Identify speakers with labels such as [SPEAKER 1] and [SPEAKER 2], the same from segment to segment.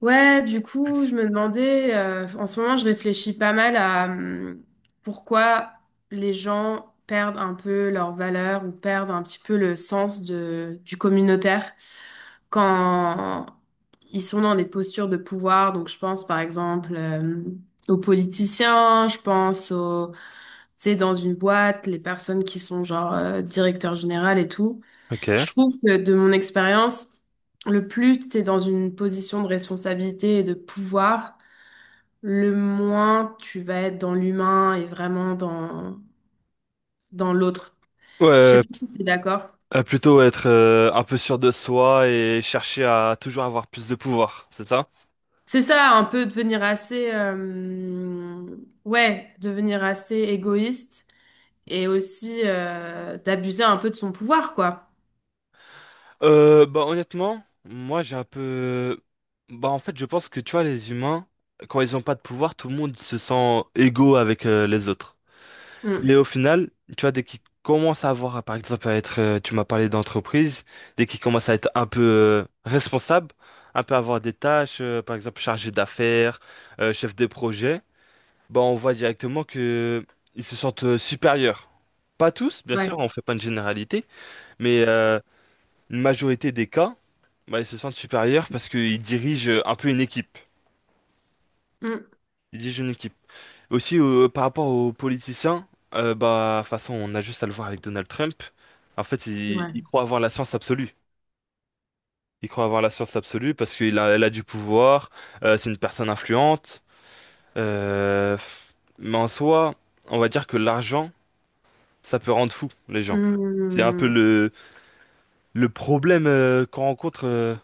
[SPEAKER 1] Ouais, du coup, je me demandais, en ce moment, je réfléchis pas mal à pourquoi les gens perdent un peu leur valeur ou perdent un petit peu le sens du communautaire quand ils sont dans des postures de pouvoir. Donc, je pense par exemple aux politiciens, je pense tu sais, dans une boîte, les personnes qui sont genre directeur général et tout.
[SPEAKER 2] Ok. Ouais,
[SPEAKER 1] Je trouve que de mon expérience, le plus tu es dans une position de responsabilité et de pouvoir, le moins tu vas être dans l'humain et vraiment dans l'autre. Je sais
[SPEAKER 2] euh,
[SPEAKER 1] pas si tu es d'accord.
[SPEAKER 2] plutôt être un peu sûr de soi et chercher à toujours avoir plus de pouvoir, c'est ça?
[SPEAKER 1] C'est ça, un peu devenir ouais, devenir assez égoïste et aussi d'abuser un peu de son pouvoir, quoi.
[SPEAKER 2] Bah honnêtement, moi j'ai un peu... Bah en fait je pense que tu vois les humains, quand ils ont pas de pouvoir, tout le monde se sent égaux avec les autres.
[SPEAKER 1] Mm,
[SPEAKER 2] Mais au final, tu vois, dès qu'ils commencent à avoir, par exemple, à être, tu m'as parlé d'entreprise, dès qu'ils commencent à être un peu responsables, un peu avoir des tâches, par exemple chargé d'affaires, chef des projets. Bah, on voit directement que ils se sentent supérieurs. Pas tous, bien sûr,
[SPEAKER 1] ouais.
[SPEAKER 2] on fait pas une généralité, mais une majorité des cas, bah, ils se sentent supérieurs parce qu'ils dirigent un peu une équipe.
[SPEAKER 1] Mm,
[SPEAKER 2] Ils dirigent une équipe. Aussi, par rapport aux politiciens, bah, de toute façon, on a juste à le voir avec Donald Trump. En fait, il
[SPEAKER 1] ouais.
[SPEAKER 2] croit avoir la science absolue. Il croit avoir la science absolue parce qu'il a, elle a du pouvoir, c'est une personne influente. euh, f- mais en soi, on va dire que l'argent, ça peut rendre fou les gens. C'est un peu
[SPEAKER 1] Mm.
[SPEAKER 2] le problème qu'on rencontre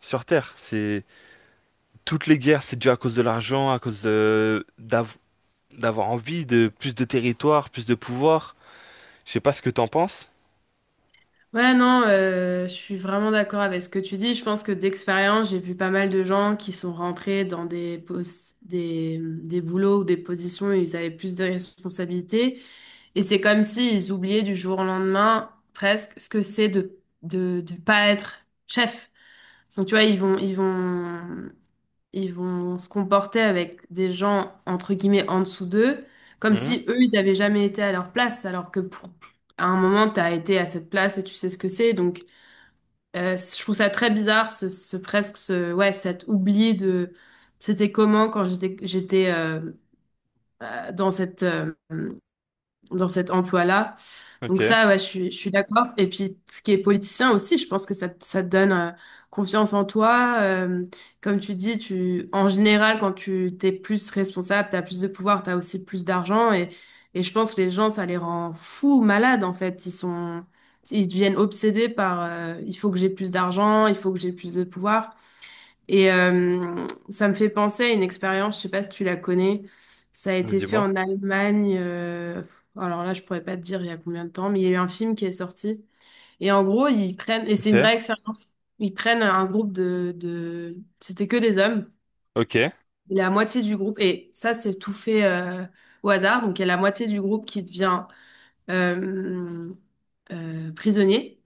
[SPEAKER 2] sur Terre. C'est toutes les guerres, c'est dû à cause de l'argent, à cause de- d'av- d'avoir envie de plus de territoire, plus de pouvoir. Je sais pas ce que t'en penses.
[SPEAKER 1] Ouais, non, je suis vraiment d'accord avec ce que tu dis. Je pense que d'expérience, j'ai vu pas mal de gens qui sont rentrés dans des boulots ou des positions où ils avaient plus de responsabilités. Et c'est comme s'ils oubliaient du jour au lendemain presque ce que c'est de pas être chef. Donc, tu vois, ils vont se comporter avec des gens, entre guillemets, en dessous d'eux, comme
[SPEAKER 2] Mhm.
[SPEAKER 1] si eux, ils avaient jamais été à leur place, alors que pour, à un moment, tu as été à cette place et tu sais ce que c'est. Donc, je trouve ça très bizarre, ouais, cet oubli de c'était comment quand j'étais dans cette dans cet emploi-là.
[SPEAKER 2] Ok.
[SPEAKER 1] Donc ça, ouais, je suis d'accord. Et puis, ce qui est politicien aussi, je pense que ça te donne confiance en toi. Comme tu dis, tu, en général, quand tu t'es plus responsable, tu as plus de pouvoir, tu as aussi plus d'argent. Et je pense que les gens, ça les rend fous, malades, en fait. Ils deviennent obsédés par, il faut que j'ai plus d'argent, il faut que j'ai plus de pouvoir. Et ça me fait penser à une expérience, je sais pas si tu la connais. Ça a été fait
[SPEAKER 2] Dis-moi.
[SPEAKER 1] en Allemagne. Alors là, je pourrais pas te dire il y a combien de temps, mais il y a eu un film qui est sorti. Et en gros, ils prennent, et c'est
[SPEAKER 2] Ok,
[SPEAKER 1] une vraie expérience, ils prennent un groupe C'était que des hommes.
[SPEAKER 2] ok,
[SPEAKER 1] Et la moitié du groupe, et ça, c'est tout fait au hasard. Donc, il y a la moitié du groupe qui devient euh, prisonnier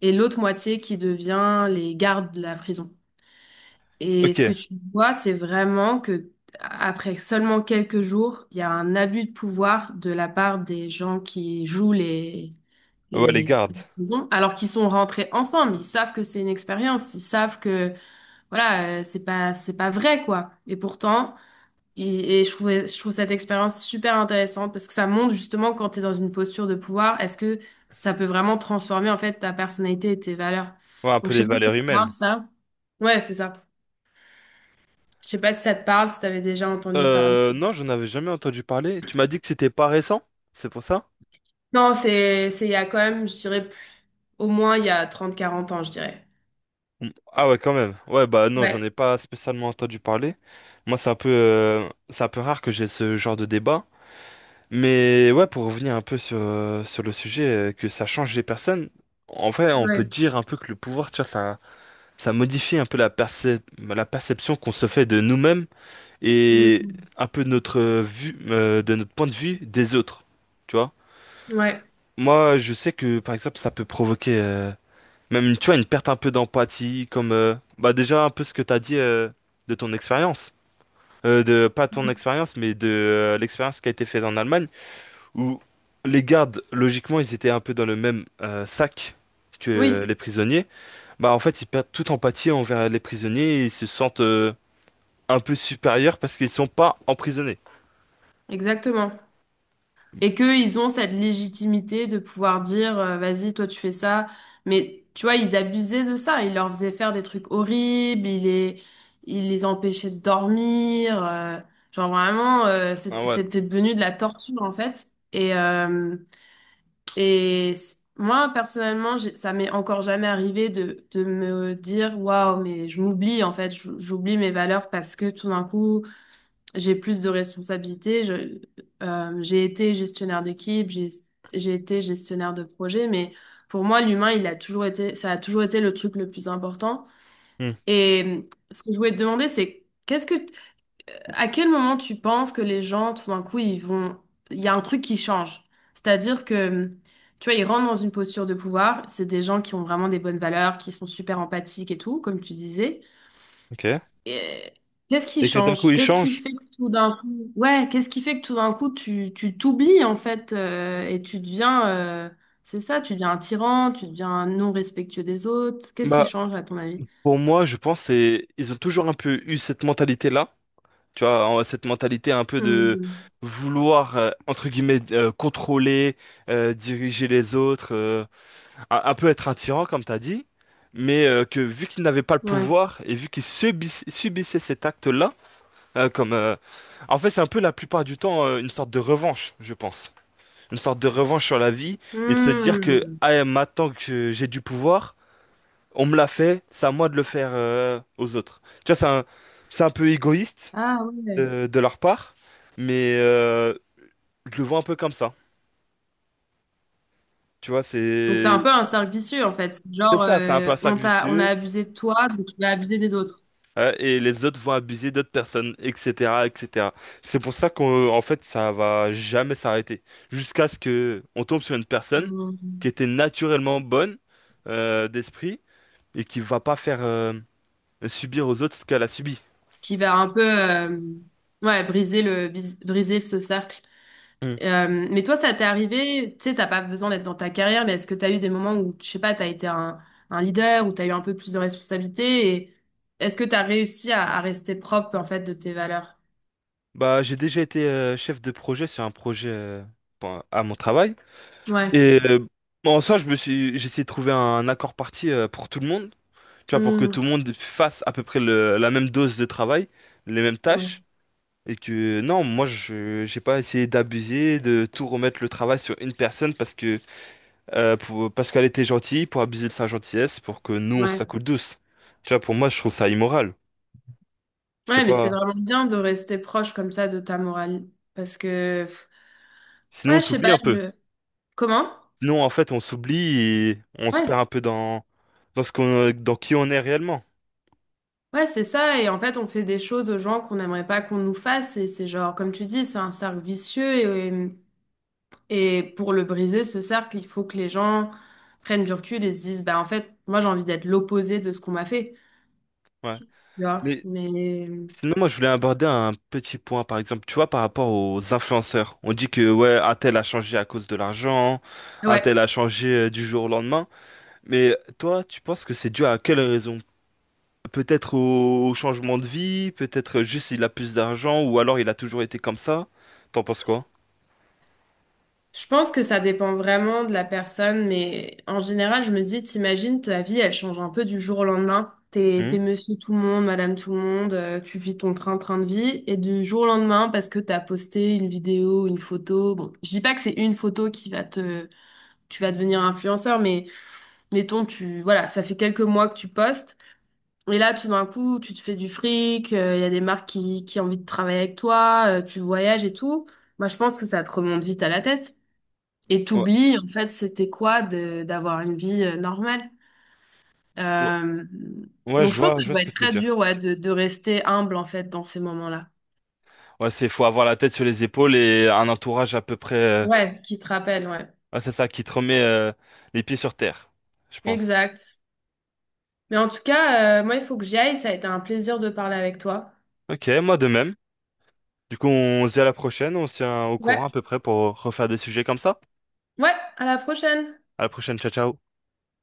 [SPEAKER 1] et l'autre moitié qui devient les gardes de la prison. Et ce que
[SPEAKER 2] ok.
[SPEAKER 1] tu vois, c'est vraiment que après seulement quelques jours, il y a un abus de pouvoir de la part des gens qui jouent les
[SPEAKER 2] Ouais, les
[SPEAKER 1] les
[SPEAKER 2] gardes.
[SPEAKER 1] prisons, alors qu'ils sont rentrés ensemble. Ils savent que c'est une expérience, ils savent que voilà, c'est pas vrai quoi. Et pourtant, et je trouve cette expérience super intéressante parce que ça montre justement quand tu es dans une posture de pouvoir, est-ce que ça peut vraiment transformer en fait ta personnalité et tes valeurs.
[SPEAKER 2] Ouais, un
[SPEAKER 1] Donc
[SPEAKER 2] peu
[SPEAKER 1] je
[SPEAKER 2] les
[SPEAKER 1] sais pas si
[SPEAKER 2] valeurs
[SPEAKER 1] c'est
[SPEAKER 2] humaines.
[SPEAKER 1] ça. Ouais, c'est ça. Je sais pas si ça te parle, si t'avais déjà entendu parler.
[SPEAKER 2] Non, j'en avais jamais entendu parler. Tu m'as dit que c'était pas récent, c'est pour ça?
[SPEAKER 1] Non, c'est il y a quand même, je dirais, au moins il y a trente quarante ans, je dirais.
[SPEAKER 2] Mm. Ah ouais, quand même. Ouais, bah non, j'en ai
[SPEAKER 1] Ouais.
[SPEAKER 2] pas spécialement entendu parler. Moi, c'est un peu rare que j'ai ce genre de débat. Mais ouais, pour revenir un peu sur, sur le sujet, que ça change les personnes, en vrai, on peut
[SPEAKER 1] Ouais.
[SPEAKER 2] dire un peu que le pouvoir, tu vois, ça modifie un peu la perception qu'on se fait de nous-mêmes et
[SPEAKER 1] Mhm.
[SPEAKER 2] un peu de notre vue, de notre point de vue des autres, tu vois.
[SPEAKER 1] Ouais.
[SPEAKER 2] Moi, je sais que, par exemple, ça peut provoquer même, tu vois, une perte un peu d'empathie, comme, bah déjà, un peu ce que t'as dit de ton expérience. Pas ton expérience, mais de l'expérience qui a été faite en Allemagne où les gardes, logiquement, ils étaient un peu dans le même sac que
[SPEAKER 1] Oui,
[SPEAKER 2] les prisonniers, bah en fait, ils perdent toute empathie envers les prisonniers et ils se sentent un peu supérieurs parce qu'ils sont pas emprisonnés.
[SPEAKER 1] exactement. Et qu'ils ont cette légitimité de pouvoir dire, vas-y, toi tu fais ça. Mais tu vois, ils abusaient de ça. Ils leur faisaient faire des trucs horribles, ils les empêchaient de dormir. Genre vraiment,
[SPEAKER 2] Ah ouais.
[SPEAKER 1] c'était devenu de la torture en fait. Et, et moi, personnellement, ça m'est encore jamais arrivé de me dire, waouh, mais je m'oublie, en fait, j'oublie mes valeurs parce que tout d'un coup, j'ai plus de responsabilités. J'ai été gestionnaire d'équipe, j'ai été gestionnaire de projet, mais pour moi, l'humain, il a toujours été, ça a toujours été le truc le plus important.
[SPEAKER 2] Hmm.
[SPEAKER 1] Et ce que je voulais te demander, c'est qu'est-ce que à quel moment tu penses que les gens, tout d'un coup, ils vont... Il y a un truc qui change. C'est-à-dire que, tu vois, ils rentrent dans une posture de pouvoir. C'est des gens qui ont vraiment des bonnes valeurs, qui sont super empathiques et tout, comme tu disais.
[SPEAKER 2] Ok.
[SPEAKER 1] Et qu'est-ce qui
[SPEAKER 2] Et que d'un coup,
[SPEAKER 1] change?
[SPEAKER 2] ils
[SPEAKER 1] Qu'est-ce qui
[SPEAKER 2] changent.
[SPEAKER 1] fait que tout d'un coup... Ouais, qu'est-ce qui fait que tout d'un coup, tu t'oublies, en fait, et tu deviens... c'est ça, tu deviens un tyran, tu deviens un non respectueux des autres. Qu'est-ce qui
[SPEAKER 2] Bah,
[SPEAKER 1] change, à ton avis?
[SPEAKER 2] pour moi, je pense c'est ils ont toujours un peu eu cette mentalité-là, tu vois, cette mentalité un peu de
[SPEAKER 1] Mhm.
[SPEAKER 2] vouloir, entre guillemets, contrôler, diriger les autres. Un peu être un tyran, comme t'as dit, mais que vu qu'il n'avait pas le
[SPEAKER 1] Ouais.
[SPEAKER 2] pouvoir et vu subissait cet acte-là, comme en fait c'est un peu la plupart du temps une sorte de revanche, je pense, une sorte de revanche sur la vie et de se dire que
[SPEAKER 1] Mhm.
[SPEAKER 2] ah, maintenant que j'ai du pouvoir, on me l'a fait, c'est à moi de le faire aux autres. Tu vois, c'est un peu égoïste
[SPEAKER 1] Ah ouais.
[SPEAKER 2] de leur part, mais je le vois un peu comme ça. Tu vois,
[SPEAKER 1] Donc c'est un
[SPEAKER 2] c'est
[SPEAKER 1] peu un cercle vicieux en fait. C'est
[SPEAKER 2] c'est
[SPEAKER 1] genre
[SPEAKER 2] ça, c'est un peu un cercle
[SPEAKER 1] on a
[SPEAKER 2] vicieux.
[SPEAKER 1] abusé de toi, donc tu vas abuser des autres.
[SPEAKER 2] Ouais, et les autres vont abuser d'autres personnes, etc., etc. C'est pour ça qu'en en fait, ça va jamais s'arrêter. Jusqu'à ce que on tombe sur une personne qui
[SPEAKER 1] Mhm.
[SPEAKER 2] était naturellement bonne d'esprit et qui va pas faire subir aux autres ce qu'elle a subi.
[SPEAKER 1] Qui va un peu ouais, briser ce cercle.
[SPEAKER 2] Mm.
[SPEAKER 1] Mais toi ça t'est arrivé, tu sais ça n'a pas besoin d'être dans ta carrière, mais est-ce que tu as eu des moments où je sais pas, tu as été un leader ou tu as eu un peu plus de responsabilité et est-ce que tu as réussi à rester propre en fait de tes valeurs?
[SPEAKER 2] Bah, j'ai déjà été chef de projet sur un projet bon, à mon travail.
[SPEAKER 1] Ouais.
[SPEAKER 2] Et en soi, j'ai essayé de trouver un accord parti pour tout le monde. Tu vois, pour que
[SPEAKER 1] Mhm.
[SPEAKER 2] tout le monde fasse à peu près la même dose de travail, les mêmes
[SPEAKER 1] Ouais.
[SPEAKER 2] tâches. Et que non, moi je j'ai pas essayé d'abuser, de tout remettre le travail sur une personne parce que parce qu'elle était gentille, pour abuser de sa gentillesse, pour que nous on se la
[SPEAKER 1] Ouais.
[SPEAKER 2] coule douce. Tu vois, pour moi je trouve ça immoral. Je sais
[SPEAKER 1] Ouais, mais
[SPEAKER 2] pas.
[SPEAKER 1] c'est vraiment bien de rester proche comme ça de ta morale parce que pff,
[SPEAKER 2] Sinon on
[SPEAKER 1] ouais, je sais pas,
[SPEAKER 2] s'oublie un peu.
[SPEAKER 1] Comment?
[SPEAKER 2] Sinon en fait on s'oublie et on se
[SPEAKER 1] Ouais,
[SPEAKER 2] perd un peu dans ce qu'on dans qui on est réellement.
[SPEAKER 1] ouais, c'est ça. Et en fait, on fait des choses aux gens qu'on n'aimerait pas qu'on nous fasse. Et c'est genre, comme tu dis, c'est un cercle vicieux. Et pour le briser, ce cercle, il faut que les gens prennent du recul et se disent, bah en fait, moi j'ai envie d'être l'opposé de ce qu'on m'a fait.
[SPEAKER 2] Ouais.
[SPEAKER 1] Tu vois?
[SPEAKER 2] Mais
[SPEAKER 1] Mais
[SPEAKER 2] sinon moi je voulais aborder un petit point par exemple. Tu vois par rapport aux influenceurs, on dit que ouais un tel a changé à cause de l'argent, un tel
[SPEAKER 1] ouais,
[SPEAKER 2] a changé du jour au lendemain. Mais toi, tu penses que c'est dû à quelle raison? Peut-être au changement de vie, peut-être juste il a plus d'argent, ou alors il a toujours été comme ça. T'en penses quoi?
[SPEAKER 1] je pense que ça dépend vraiment de la personne, mais en général, je me dis, t'imagines, ta vie, elle change un peu du jour au lendemain.
[SPEAKER 2] Hmm.
[SPEAKER 1] T'es monsieur tout le monde, madame tout le monde, tu vis ton train-train de vie, et du jour au lendemain, parce que t'as posté une vidéo, une photo, bon, je dis pas que c'est une photo qui va te, tu vas devenir influenceur, mais mettons, tu, voilà, ça fait quelques mois que tu postes, et là, tout d'un coup, tu te fais du fric, il y a des marques qui ont envie de travailler avec toi, tu voyages et tout. Moi, je pense que ça te remonte vite à la tête. Et
[SPEAKER 2] Ouais,
[SPEAKER 1] t'oublies, en fait, c'était quoi d'avoir une vie normale.
[SPEAKER 2] ouais,
[SPEAKER 1] Euh,
[SPEAKER 2] ouais,
[SPEAKER 1] donc je pense que
[SPEAKER 2] je
[SPEAKER 1] ça
[SPEAKER 2] vois
[SPEAKER 1] doit
[SPEAKER 2] ce que
[SPEAKER 1] être
[SPEAKER 2] tu veux
[SPEAKER 1] très
[SPEAKER 2] dire.
[SPEAKER 1] dur, ouais, de rester humble, en fait, dans ces moments-là.
[SPEAKER 2] Ouais, c'est faut avoir la tête sur les épaules et un entourage à peu près.
[SPEAKER 1] Ouais, qui te rappelle, ouais.
[SPEAKER 2] Ouais, c'est ça qui te remet les pieds sur terre, je pense.
[SPEAKER 1] Exact. Mais en tout cas, moi, il faut que j'y aille. Ça a été un plaisir de parler avec toi.
[SPEAKER 2] Ok, moi de même. Du coup, on se dit à la prochaine, on se tient au courant
[SPEAKER 1] Ouais.
[SPEAKER 2] à peu près pour refaire des sujets comme ça.
[SPEAKER 1] Ouais, à la prochaine.
[SPEAKER 2] À la prochaine, ciao ciao.